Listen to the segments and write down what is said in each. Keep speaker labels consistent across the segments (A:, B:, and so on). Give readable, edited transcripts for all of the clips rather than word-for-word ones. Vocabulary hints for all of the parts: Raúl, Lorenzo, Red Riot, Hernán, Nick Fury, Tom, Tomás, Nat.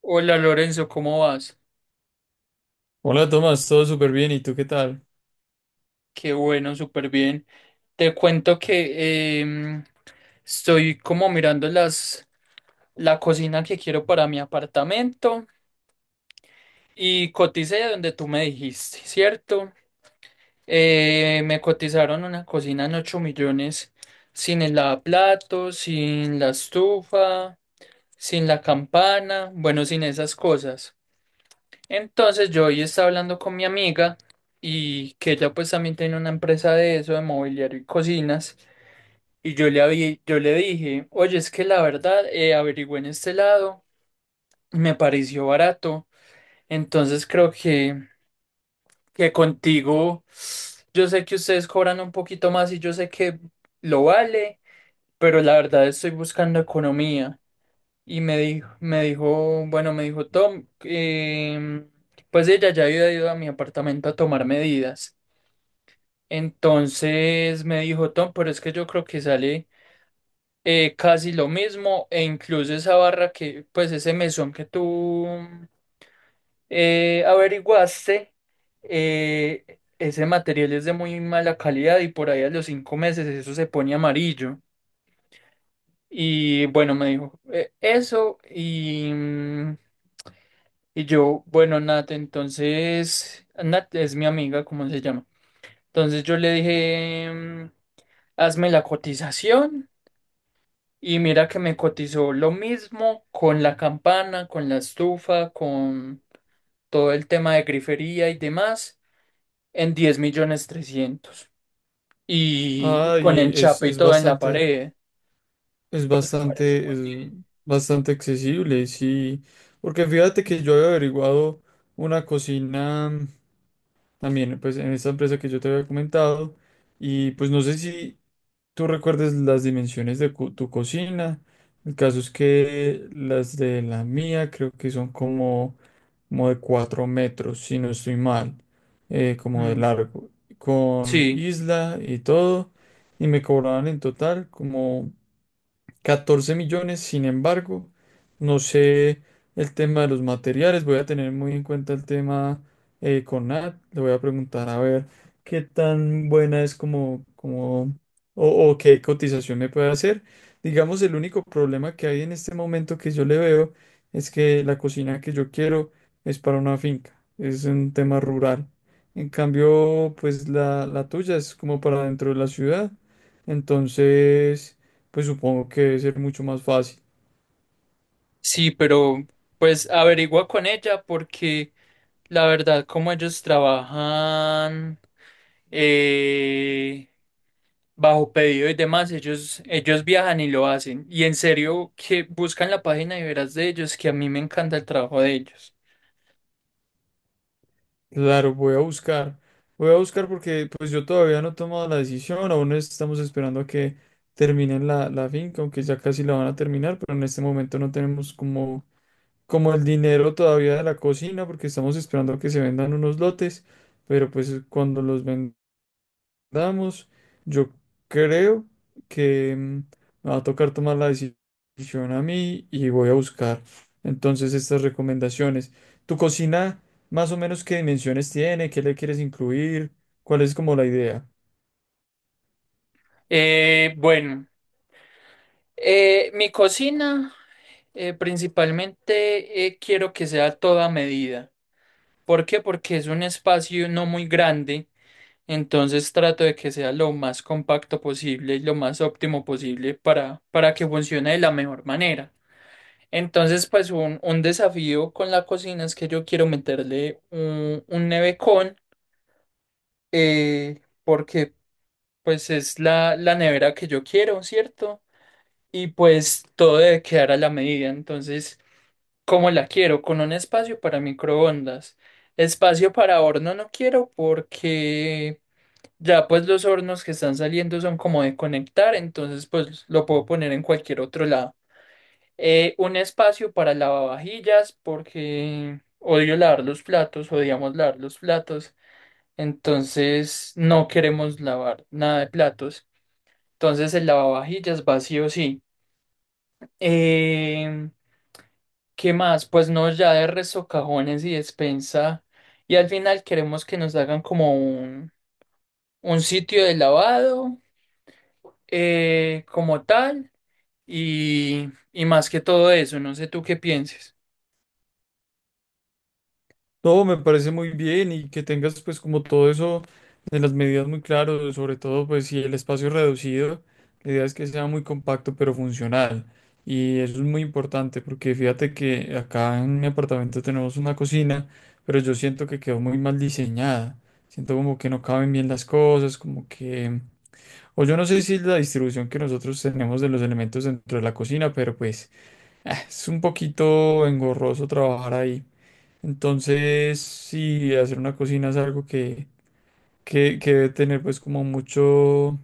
A: Hola Lorenzo, ¿cómo vas?
B: Hola Tomás, todo súper bien, ¿y tú qué tal?
A: Qué bueno, súper bien. Te cuento que estoy como mirando la cocina que quiero para mi apartamento y coticé donde tú me dijiste, ¿cierto? Me cotizaron una cocina en 8 millones sin el lavaplatos, sin la estufa, sin la campana, bueno, sin esas cosas. Entonces yo hoy estaba hablando con mi amiga y que ella pues también tiene una empresa de eso, de mobiliario y cocinas. Y yo le dije, oye, es que la verdad, averigüé en este lado, me pareció barato. Entonces creo que contigo, yo sé que ustedes cobran un poquito más y yo sé que lo vale, pero la verdad estoy buscando economía. Y me dijo, bueno, me dijo Tom, pues ella ya había ido a mi apartamento a tomar medidas. Entonces me dijo Tom, pero es que yo creo que sale casi lo mismo e incluso esa barra pues ese mesón que tú averiguaste, ese material es de muy mala calidad y por ahí a los 5 meses eso se pone amarillo. Y bueno, me dijo eso Y yo, bueno, Nat, entonces, Nat es mi amiga, ¿cómo se llama? Entonces yo le dije, hazme la cotización y mira que me cotizó lo mismo con la campana, con la estufa, con todo el tema de grifería y demás en 10 millones 300 y
B: Ay,
A: con enchape y
B: es
A: todo en la
B: bastante,
A: pared.
B: es
A: Me parece
B: bastante,
A: muy
B: es bastante accesible, sí, porque fíjate que yo había averiguado una cocina también, pues en esta empresa que yo te había comentado, y pues no sé si tú recuerdes las dimensiones de tu cocina. El caso es que las de la mía creo que son como como de 4 metros, si no estoy mal,
A: bien.
B: como de
A: Mm,
B: largo, con
A: sí,
B: isla y todo, y me cobraban en total como 14 millones. Sin embargo, no sé el tema de los materiales, voy a tener muy en cuenta el tema con Nat. Le voy a preguntar a ver qué tan buena es como, o qué cotización me puede hacer. Digamos, el único problema que hay en este momento que yo le veo es que la cocina que yo quiero es para una finca, es un tema rural. En cambio, pues la tuya es como para dentro de la ciudad, entonces pues supongo que debe ser mucho más fácil.
A: sí, pero pues averigua con ella porque... La verdad, como ellos trabajan eh, bajo pedido y demás, ellos viajan y lo hacen. Y en serio, que buscan la página y verás de ellos, que a mí me encanta el trabajo de ellos.
B: Claro, voy a buscar. Voy a buscar porque pues yo todavía no he tomado la decisión, aún estamos esperando a que terminen la finca, aunque ya casi la van a terminar, pero en este momento no tenemos como, como el dinero todavía de la cocina porque estamos esperando a que se vendan unos lotes, pero pues cuando los vendan damos, yo creo que me va a tocar tomar la decisión a mí y voy a buscar entonces estas recomendaciones. ¿Tu cocina más o menos qué dimensiones tiene? ¿Qué le quieres incluir? ¿Cuál es como la idea?
A: Bueno, mi cocina principalmente quiero que sea a toda medida. ¿Por qué? Porque es un espacio no muy grande. Entonces trato de que sea lo más compacto posible y lo más óptimo posible para que funcione de la mejor manera. Entonces, pues un desafío con la cocina es que yo quiero meterle un nevecón, porque pues es la nevera que yo quiero, ¿cierto? Y pues todo debe quedar a la medida. Entonces, ¿cómo la quiero? Con un espacio para microondas. Espacio para horno no quiero porque... Ya pues los hornos que están saliendo son como de conectar, entonces pues lo puedo poner en cualquier otro lado. Un espacio para lavavajillas porque odio lavar los platos, odiamos lavar los platos, entonces no queremos lavar nada de platos. Entonces el lavavajillas va sí. Em, ¿Qué más? Pues no, ya de resto cajones y despensa. Y al final queremos que nos hagan como un sitio de lavado como tal. Y más que todo eso, no sé tú qué pienses.
B: No, me parece muy bien y que tengas pues como todo eso de las medidas muy claro, sobre todo pues si el espacio es reducido, la idea es que sea muy compacto pero funcional. Y eso es muy importante porque fíjate que acá en mi apartamento tenemos una cocina, pero yo siento que quedó muy mal diseñada. Siento como que no caben bien las cosas, como que… O yo no sé si es la distribución que nosotros tenemos de los elementos dentro de la cocina, pero pues ah, es un poquito engorroso trabajar ahí. Entonces, sí, hacer una cocina es algo que debe tener pues como mucho,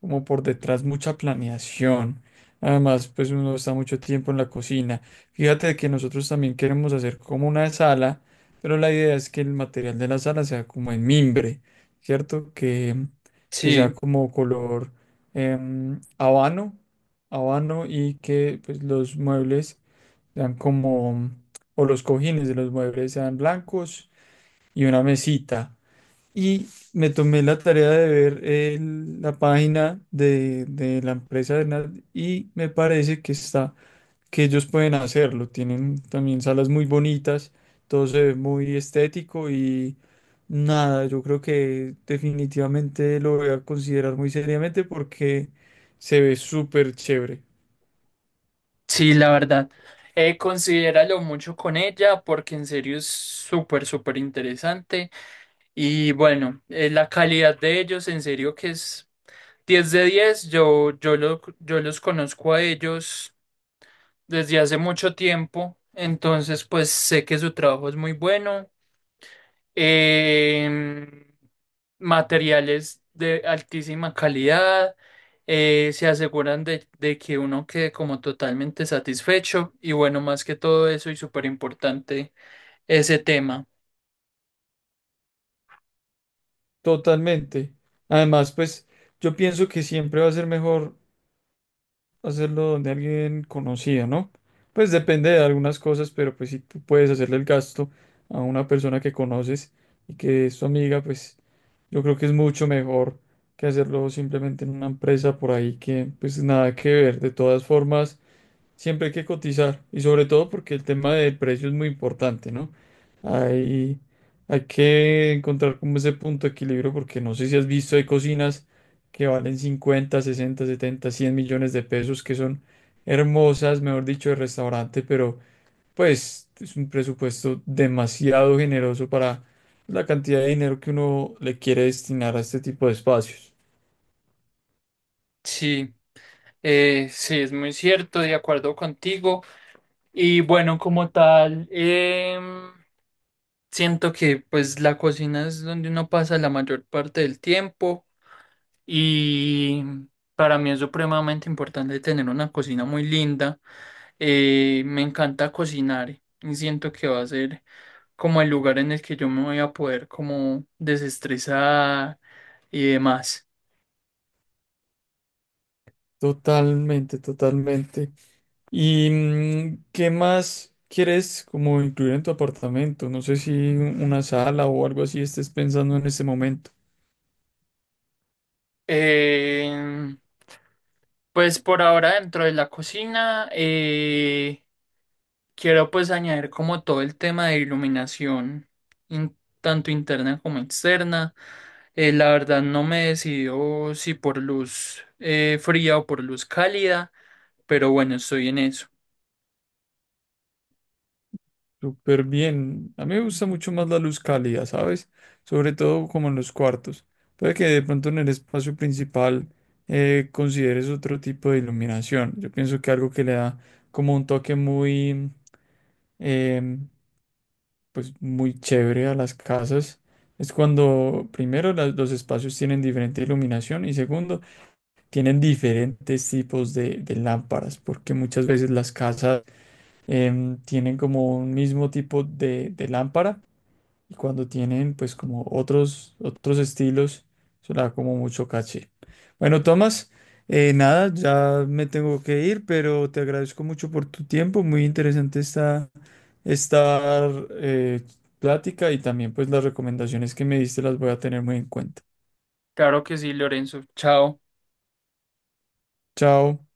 B: como por detrás mucha planeación. Además, pues uno está mucho tiempo en la cocina. Fíjate que nosotros también queremos hacer como una sala, pero la idea es que el material de la sala sea como en mimbre, ¿cierto? Que sea
A: Sí,
B: como color habano, habano, y que pues los muebles sean como, o los cojines de los muebles sean blancos, y una mesita. Y me tomé la tarea de ver la página de la empresa de Hernán, y me parece que está, que ellos pueden hacerlo. Tienen también salas muy bonitas, todo se ve muy estético y nada, yo creo que definitivamente lo voy a considerar muy seriamente porque se ve súper chévere.
A: sí, la verdad. Considéralo mucho con ella porque en serio es súper, súper interesante. Y bueno, la calidad de ellos en serio que es 10 de 10. Yo los conozco a ellos desde hace mucho tiempo. Entonces, pues sé que su trabajo es muy bueno. Em, Materiales de altísima calidad, se aseguran de que uno quede como totalmente satisfecho y bueno, más que todo eso y súper importante ese tema.
B: Totalmente. Además, pues yo pienso que siempre va a ser mejor hacerlo donde alguien conocido, ¿no? Pues depende de algunas cosas, pero pues si tú puedes hacerle el gasto a una persona que conoces y que es tu amiga, pues yo creo que es mucho mejor que hacerlo simplemente en una empresa por ahí que pues nada que ver. De todas formas, siempre hay que cotizar y sobre todo porque el tema de precio es muy importante, ¿no? Hay, Hay que encontrar como ese punto de equilibrio porque no sé si has visto, hay cocinas que valen 50, 60, 70, 100 millones de pesos, que son hermosas, mejor dicho, de restaurante, pero pues es un presupuesto demasiado generoso para la cantidad de dinero que uno le quiere destinar a este tipo de espacios.
A: Sí, sí, es muy cierto, de acuerdo contigo. Y bueno, como tal, siento que pues la cocina es donde uno pasa la mayor parte del tiempo. Y para mí es supremamente importante tener una cocina muy linda. Me encanta cocinar y siento que va a ser como el lugar en el que yo me voy a poder como desestresar y demás.
B: Totalmente, totalmente. ¿Y qué más quieres como incluir en tu apartamento? No sé si una sala o algo así estés pensando en este momento.
A: Eh, pues por ahora dentro de la cocina quiero pues añadir como todo el tema de iluminación, in- tanto interna como externa. La verdad no me he decidido si por luz fría o por luz cálida, pero bueno, estoy en eso.
B: Súper bien. A mí me gusta mucho más la luz cálida, ¿sabes? Sobre todo como en los cuartos. Puede que de pronto en el espacio principal consideres otro tipo de iluminación. Yo pienso que algo que le da como un toque muy, em, pues muy chévere a las casas es cuando primero los espacios tienen diferente iluminación, y segundo tienen diferentes tipos de lámparas, porque muchas veces las casas em, tienen como un mismo tipo de lámpara, y cuando tienen pues como otros, otros estilos, eso le da como mucho caché. Bueno, Tomás, nada, ya me tengo que ir, pero te agradezco mucho por tu tiempo. Muy interesante esta, esta eh, plática, y también pues las recomendaciones que me diste las voy a tener muy en cuenta.
A: Claro que sí, Lorenzo. Chao.
B: Chao.